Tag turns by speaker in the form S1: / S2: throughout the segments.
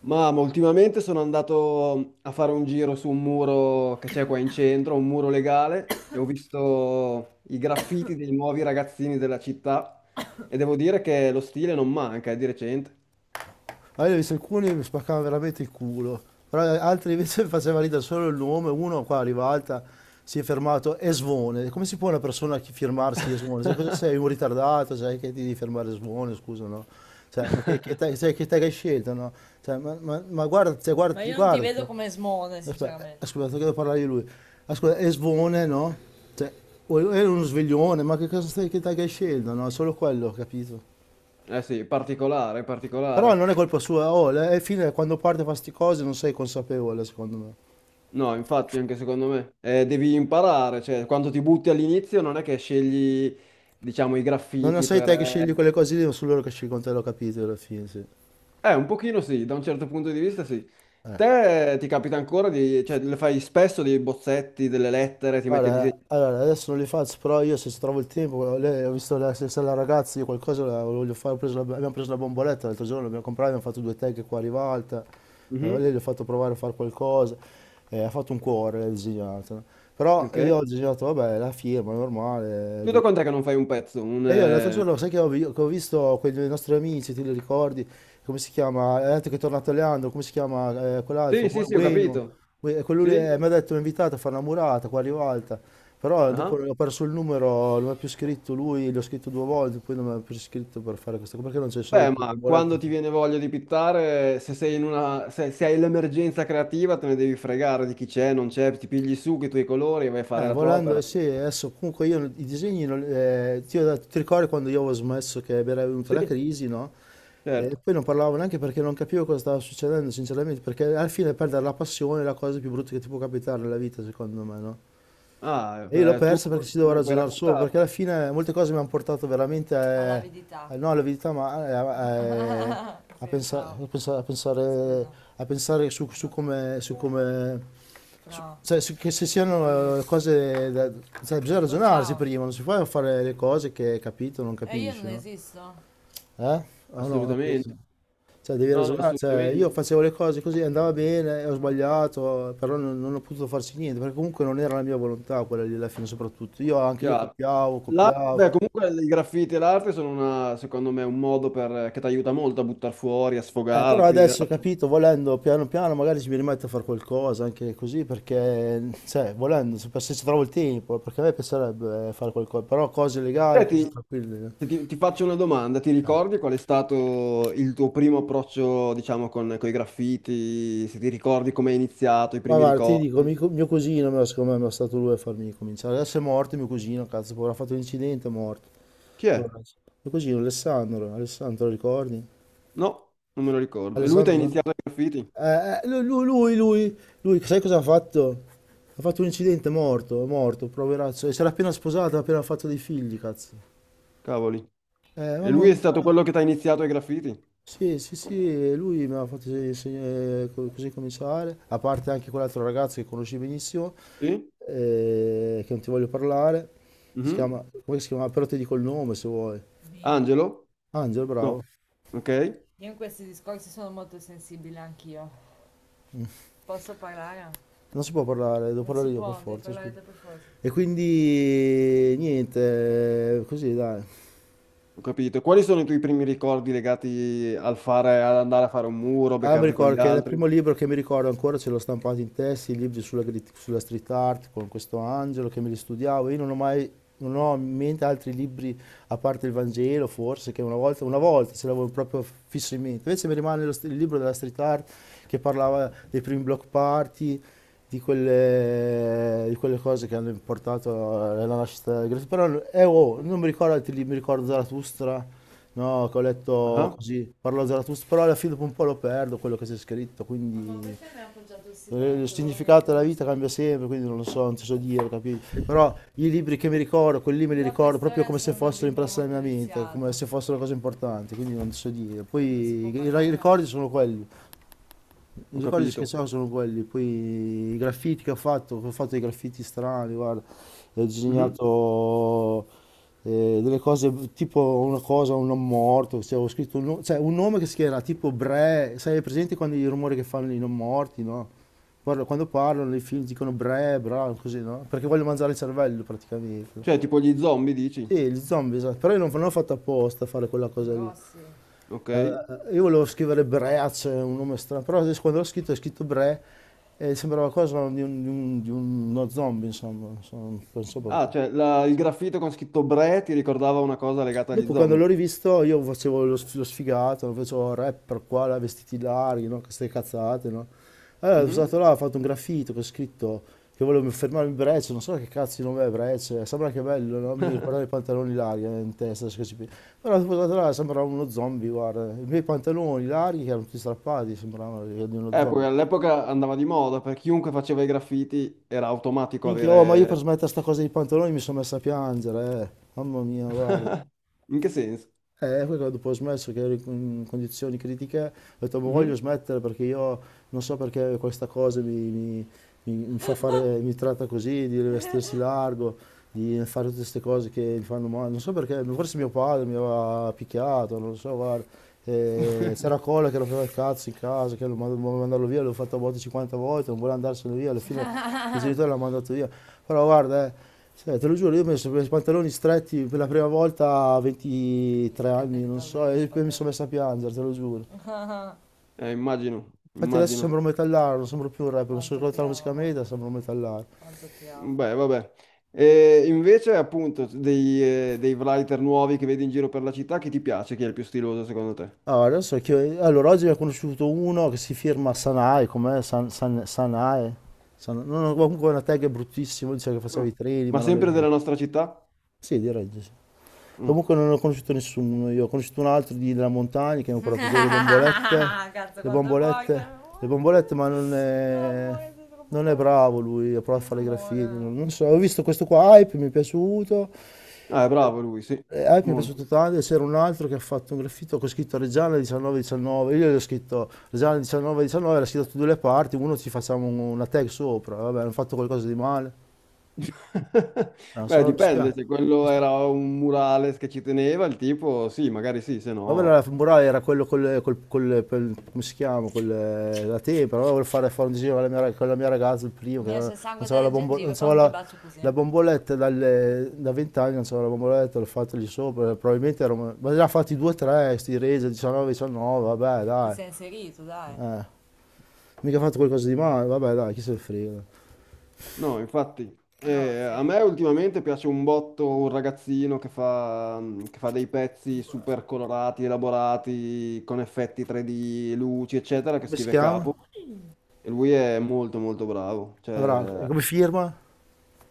S1: Ma ultimamente sono andato a fare un giro su un muro che c'è qua in centro, un muro legale, e ho visto i graffiti dei nuovi ragazzini della città e devo dire che lo stile non manca, è di recente.
S2: Allora, io ho visto alcuni che mi spaccavano veramente il culo, però altri invece mi faceva ridere solo il nome, uno qua arriva alta, si è fermato, Esvone. Come si può una persona firmarsi Esvone? Cioè, cosa sei, un ritardato, sai che ti devi fermare Esvone, scusa, no? Cioè, ma te, sai che te che hai scelto, no? Cioè, ma guarda, cioè, ma guardati, guardati. Aspetta, ascolta, devo parlare di lui. Ascolta, è svone, no? Cioè, è uno sveglione, ma che cosa stai, che tag hai scelto, no? Solo quello, capito?
S1: Eh sì, particolare,
S2: Però
S1: particolare.
S2: non è colpa sua, oh, alla fine quando parte fa sti cose non sei consapevole, secondo me.
S1: No, infatti anche secondo me. Devi imparare, cioè quando ti butti all'inizio non è che scegli, diciamo, i
S2: Non
S1: graffiti
S2: sei
S1: per...
S2: te che scegli quelle cose lì, ma sono loro che scelgono te, l'ho capito alla fine, sì.
S1: eh, un pochino sì, da un certo punto di vista sì.
S2: Eh.
S1: Te ti capita ancora di, cioè, le fai spesso dei bozzetti, delle lettere, ti metti a
S2: Guarda,
S1: disegnare?
S2: allora, adesso non li faccio, però io se ci trovo il tempo, lei, ho visto la, se la ragazza, io qualcosa la voglio fare, ho preso abbiamo preso la bomboletta l'altro giorno, l'abbiamo comprata, abbiamo fatto due tag qua a Rivalta.
S1: Mhm.
S2: Lei gli ho fatto provare a fare qualcosa, ha fatto un cuore, l'ha disegnato, no? Però
S1: Ok.
S2: io ho disegnato, vabbè, la firma, normale.
S1: Tu da quant'è che non fai un pezzo? Un,
S2: E io l'altro giorno, sai che ho, che ho visto quei due nostri amici, ti li ricordi? Come si chiama? Anche che è tornato Leandro, come si chiama quell'altro?
S1: sì, sì, sì, ho
S2: Bueno.
S1: capito.
S2: Quello lì,
S1: Sì?
S2: mi ha detto, mi ha invitato a fare una murata qua a Rivalta. Però dopo
S1: Ah.
S2: ho perso il numero, non mi ha più scritto lui, l'ho scritto due volte, poi non mi ha più scritto per fare questa cosa, perché non c'è i soldi
S1: Beh,
S2: per le
S1: ma
S2: bombolette.
S1: quando ti viene voglia di pittare, se sei in una... se, se hai l'emergenza creativa, te ne devi fregare di chi c'è, non c'è, ti pigli su che i tuoi colori e vai a fare la tua
S2: Volendo,
S1: opera.
S2: sì, adesso comunque io i disegni, ho ti ricordi quando io avevo smesso che mi era venuta la
S1: Sì,
S2: crisi, no? E
S1: certo.
S2: poi non parlavo neanche perché non capivo cosa stava succedendo, sinceramente, perché alla fine perdere la passione è la cosa più brutta che ti può capitare nella vita, secondo me, no?
S1: Ah,
S2: E io l'ho
S1: tu
S2: persa perché si
S1: me
S2: doveva
S1: lo puoi
S2: ragionare solo,
S1: raccontare?
S2: perché alla fine molte cose mi hanno portato veramente all'avidità. A, a- no, All'avidità, ma pensavo. A pensare, a pensare su come cioè, che se siano cose da... cioè, bisogna ragionarsi prima, non si può fare le cose che capito o non capisci, no? Eh? O no, non penso.
S1: Assolutamente.
S2: Cioè, devi
S1: No, no,
S2: ragionare, cioè, io
S1: assolutamente.
S2: facevo le cose così, andava bene, ho sbagliato, però non ho potuto farci niente, perché comunque non era la mia volontà quella lì alla fine soprattutto. Io anche io
S1: Chiaro.
S2: copiavo.
S1: Beh, comunque i graffiti e l'arte sono secondo me, un modo che ti aiuta molto a buttare fuori, a
S2: Però
S1: sfogarti.
S2: adesso, capito, volendo piano piano magari ci mi rimetto a fare qualcosa anche così perché, cioè, volendo, se ci trovo il tempo, perché a me piacerebbe fare qualcosa, però cose legali, cose
S1: Senti,
S2: tranquille,
S1: se
S2: eh.
S1: ti, ti faccio una domanda, ti ricordi qual è stato il tuo primo approccio, diciamo, con i graffiti? Se ti ricordi come è iniziato, i
S2: Ma
S1: primi
S2: guarda, ti dico,
S1: ricordi?
S2: mio cugino, secondo me, mi è stato lui a farmi cominciare. Adesso è morto mio cugino, cazzo, povero, ha fatto un incidente, è morto.
S1: Chi è?
S2: Mio cugino Alessandro, Alessandro, lo ricordi?
S1: No, non me lo ricordo. E lui ti ha
S2: Alessandro,
S1: iniziato ai graffiti?
S2: Eh, eh, lui, lui, lui, lui, lui, sai cosa ha fatto? Ha fatto un incidente, è morto, poveraccio. E si era appena sposato, ha appena fatto dei figli, cazzo.
S1: Cavoli. E
S2: Mamma
S1: lui è stato
S2: mia.
S1: quello che ti ha iniziato ai graffiti?
S2: Sì, sì, sì, lui mi ha fatto co- così cominciare, a parte anche quell'altro ragazzo che conosci benissimo,
S1: Sì?
S2: che non ti voglio parlare. Si
S1: Mhm.
S2: chiama, come si chiama? Però ti dico il nome se vuoi.
S1: Angelo?
S2: Angel, bravo.
S1: No. Ok.
S2: Non si può parlare, devo non parlare io per forza, scusa. E quindi niente, così dai.
S1: Ho capito. Quali sono i tuoi primi ricordi legati al fare, ad andare a fare un muro,
S2: Ah, mi
S1: beccarti con
S2: ricordo
S1: gli
S2: che il
S1: altri?
S2: primo libro che mi ricordo ancora ce l'ho stampato in testa, i libri sulla, sulla street art con questo angelo che me li studiavo. Io non ho mai, non ho in mente altri libri a parte il Vangelo, forse, che una volta ce l'avevo proprio fisso in mente. Invece mi rimane il libro della street art che parlava dei primi block party, di di quelle cose che hanno portato alla nascita del graffiti. Però oh, non mi ricordo altri libri, mi ricordo Zarathustra. No, che ho letto
S1: Ah,
S2: così, parlo Zarathustra, però alla fine dopo un po' lo perdo quello che c'è scritto. Ma quindi il significato della vita cambia sempre, quindi non lo so, non ti so dire, capito?
S1: eh,
S2: Però i libri che mi ricordo, quelli lì me li ricordo proprio come se fossero impresse nella mia mente, come se fossero cose importanti, quindi non ti so dire. Non si può. Poi i ricordi sono quelli. I
S1: Ho
S2: ricordi che
S1: capito.
S2: ho sono quelli, poi i graffiti che ho fatto dei graffiti strani, guarda, ho
S1: Mhm.
S2: disegnato delle cose, tipo una cosa, un non morto, cioè, ho scritto un, cioè, un nome che si chiama tipo Bre, sai, è presente quando i rumori che fanno i non morti, no? Guarda, quando parlano nei film dicono Bre, bra, così, no? Perché voglio mangiare il cervello
S1: Cioè,
S2: praticamente.
S1: tipo gli zombie, dici?
S2: Sì, gli zombie, esatto. Però io non ho fatto apposta a fare quella cosa lì.
S1: Ok.
S2: Io volevo scrivere Breach, un nome strano, però adesso quando l'ho scritto, ho scritto Bre e sembrava cosa di, di uno zombie, insomma, non so
S1: Ah,
S2: perché.
S1: cioè, il graffito con scritto Bre ti ricordava una cosa legata agli
S2: Dopo quando
S1: zombie.
S2: l'ho rivisto io facevo lo, lo sfigato, facevo rapper qua, là, vestiti larghi, no? Queste cazzate, no? Allora sono
S1: Mhm.
S2: stato là, ho fatto un graffito che ho scritto che volevo fermarmi Breccia, non so che cazzo di nome è Breccia, sembra che è bello, no? Mi ricordava i pantaloni larghi in testa, adesso che ci però sono stato là, sembrava uno zombie, guarda, i miei pantaloni larghi che erano tutti strappati, sembravano di uno zombie.
S1: Poi all'epoca andava di moda, per chiunque faceva i graffiti era automatico
S2: Minchia, oh, ma io per
S1: avere...
S2: smettere sta cosa dei pantaloni mi sono messo a piangere, eh. Mamma mia, guarda.
S1: In che senso?
S2: Poi quando dopo ho smesso, che ero in condizioni critiche, ho detto, ma voglio
S1: Mhm.
S2: smettere perché io non so perché questa cosa mi fa fare, mi tratta così, di vestirsi largo, di fare tutte queste cose che mi fanno male. Non so perché, forse mio padre mi aveva picchiato, non lo so, guarda. C'era Cola che rompeva il cazzo in casa, che lo voleva mandarlo via, l'ho fatto a volte 50 volte, non voleva andarsene via, alla fine il genitore l'ha mandato via. Però guarda, cioè, te lo giuro, io ho messo i pantaloni stretti per la prima volta a 23 anni, non so, e poi mi sono messo a piangere, te lo giuro.
S1: Immagino,
S2: Infatti adesso
S1: immagino.
S2: sembro un metallaro, non sembro più un rapper, mi sono rivolto alla musica media, sembro un metallaro.
S1: Beh, vabbè. E invece, appunto, dei, dei writer nuovi che vedi in giro per la città, chi ti piace? Chi è il più stiloso secondo te?
S2: Allora, adesso allora, oggi ne ho conosciuto uno che si firma Sanae, com'è? Sanae? No, no, comunque una tag bruttissima, dice che
S1: Mm.
S2: faceva i treni, ma
S1: Ma
S2: non è
S1: sempre della
S2: vero.
S1: nostra città?
S2: Sì, direi di sì.
S1: Mm.
S2: Comunque non ho conosciuto nessuno, io ho conosciuto un altro di, della montagna che mi ha portato delle bombolette, le bombolette, le bombolette, ma non è bravo lui, ha provato a fare i graffiti, non so, ho visto questo qua, Hype, mi è piaciuto,
S1: Ah, è
S2: eh,
S1: bravo lui, sì,
S2: Hype mi è piaciuto
S1: molto.
S2: tanto, e c'era un altro che ha fatto un graffito con scritto Reggiana 19-19, io gli ho scritto Reggiana 19-19, era scritto da due le parti, uno ci facciamo una tag sopra, vabbè, hanno fatto qualcosa di male, no,
S1: Beh,
S2: sono
S1: dipende, se
S2: dispiaciuto.
S1: quello era un murales che ci teneva, il tipo, sì, magari sì, se
S2: Vabbè, la
S1: no...
S2: femorale era quello col, come si chiama? Col, la tempra, allora volevo fare, fare un disegno con la mia, con la mia ragazza, il primo, che non so la, non so la, la bomboletta da 20 anni, non so la bomboletta, l'ho fatta lì sopra, probabilmente ero, ma ne ha fatti due o tre, sti resa, 19, 19, vabbè, ti dai, ti eh, mica ha fatto qualcosa di male, vabbè, dai, chi se ne frega. Come
S1: No, infatti, a me ultimamente piace un botto un ragazzino che fa, che fa dei pezzi super colorati, elaborati, con effetti 3D, luci, eccetera, che
S2: si
S1: scrive
S2: chiama?
S1: capo. E lui è molto molto bravo.
S2: Avrà, e
S1: Cioè,
S2: come firma?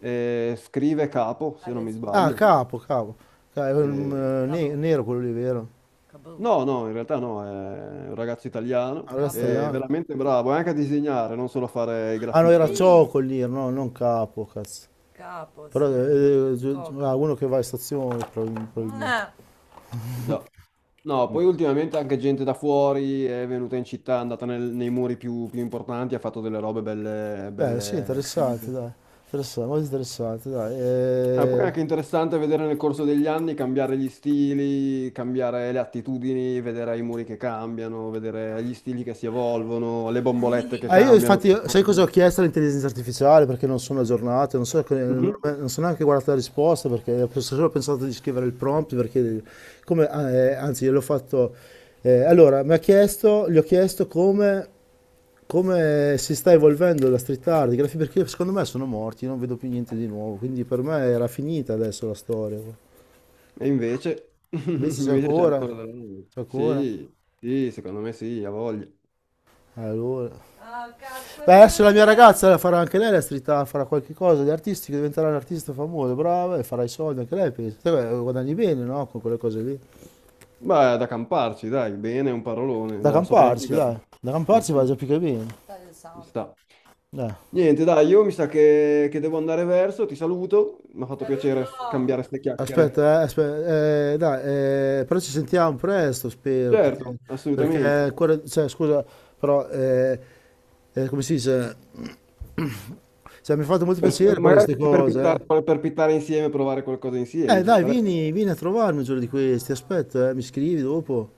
S1: scrive capo, se non mi
S2: Ah,
S1: sbaglio.
S2: capo, capo. È un,
S1: Eh,
S2: nero quello lì, vero?
S1: no, no, in realtà no, è un ragazzo
S2: Ah,
S1: italiano,
S2: ragazzi,
S1: è
S2: italiano.
S1: veramente bravo, è anche a disegnare, non solo a fare i
S2: Ah no,
S1: graffiti
S2: era sì,
S1: tradizionali.
S2: Cioccolir, no, non Capo, cazzo. Capo, però sì. Ah, Coco. Uno che va in stazione probabilmente. Ah,
S1: No, poi ultimamente anche gente da fuori è venuta in città, è andata nei muri più, più importanti, ha fatto delle robe belle,
S2: beh, sì,
S1: belle
S2: interessante,
S1: fighe.
S2: dai. Interessante, molto interessante, dai.
S1: Ah, poi è anche interessante vedere nel corso degli anni cambiare gli stili, cambiare le attitudini, vedere i muri che cambiano, vedere gli stili che si evolvono, le bombolette che
S2: Io
S1: cambiano. Che
S2: infatti,
S1: si
S2: sai cosa ho
S1: evolvono.
S2: chiesto all'intelligenza artificiale? Perché non sono aggiornato, non so,
S1: Mhm.
S2: non sono neanche guardato la risposta, perché ho solo pensato di scrivere il prompt, perché come, ah, anzi, gliel'ho fatto... allora, mi ha chiesto, gli ho chiesto come... come si sta evolvendo la street art, i graffiti, perché secondo me sono morti, non vedo più niente di nuovo, quindi per me era finita adesso la storia.
S1: E invece,
S2: Invece c'è
S1: invece c'è
S2: ancora,
S1: ancora della roba.
S2: c'è ancora.
S1: Sì, sì, secondo me sì, ha voglia.
S2: Allora. Beh, adesso la mia ragazza farà anche lei la street art, farà qualche cosa di artistico, diventerà un artista famoso, brava, e farà i soldi anche lei, penso. Te, beh, guadagni bene, no? Con quelle cose lì.
S1: Beh, è da camparci, dai, bene, è un parolone,
S2: Da
S1: da
S2: camparci,
S1: sopravvivere.
S2: dai. Da
S1: Ma
S2: camparci va
S1: sì.
S2: già più che bene.
S1: Ci sta.
S2: Dai.
S1: Niente, dai, io mi sa che devo andare verso, ti saluto, mi ha fatto piacere cambiare ste chiacchiere.
S2: Aspetta, dai, però ci sentiamo presto, spero, perché,
S1: Certo,
S2: perché
S1: assolutamente.
S2: ancora, cioè, scusa, però, come si dice, cioè, mi ha fatto molto piacere parlare di
S1: Magari
S2: queste cose, eh.
S1: per pittare insieme, provare qualcosa insieme, ci
S2: Dai,
S1: starebbe.
S2: vieni a trovarmi un giorno di questi, aspetto, mi scrivi dopo,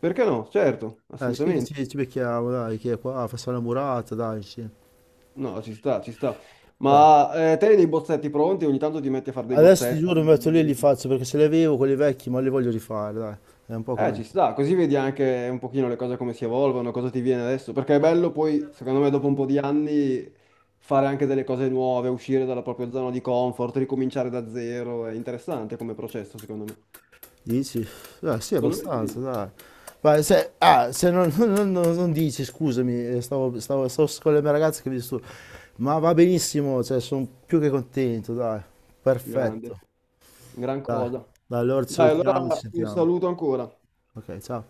S1: Perché no? Certo,
S2: scrivi che
S1: assolutamente.
S2: ci becchiamo, dai, che è qua, facciamo la murata, dai, insieme,
S1: No, ci sta, ci sta.
S2: dai.
S1: Ma te hai dei bozzetti pronti? Ogni tanto ti metti a fare dei
S2: Adesso ti
S1: bozzetti,
S2: giuro, mi metto lì e li faccio, perché se li avevo quelli vecchi, ma li voglio rifare, dai, è un po' che
S1: eh,
S2: non li.
S1: ci sta, così vedi anche un pochino le cose come si evolvono, cosa ti viene adesso, perché è bello poi, secondo me, dopo un po' di anni fare anche delle cose nuove, uscire dalla propria zona di comfort, ricominciare da zero, è interessante come processo, secondo me.
S2: Dici? Sì,
S1: Secondo me
S2: abbastanza,
S1: sì,
S2: dai. Ma se, ah, se non, non dici, scusami, stavo con le mie ragazze che mi disturbo. Ma va benissimo, cioè, sono più che contento, dai. Perfetto.
S1: grande, gran
S2: Dai,
S1: cosa.
S2: dai, allora ci
S1: Dai,
S2: salutiamo, ci
S1: allora un
S2: sentiamo.
S1: saluto ancora.
S2: Ok, ciao.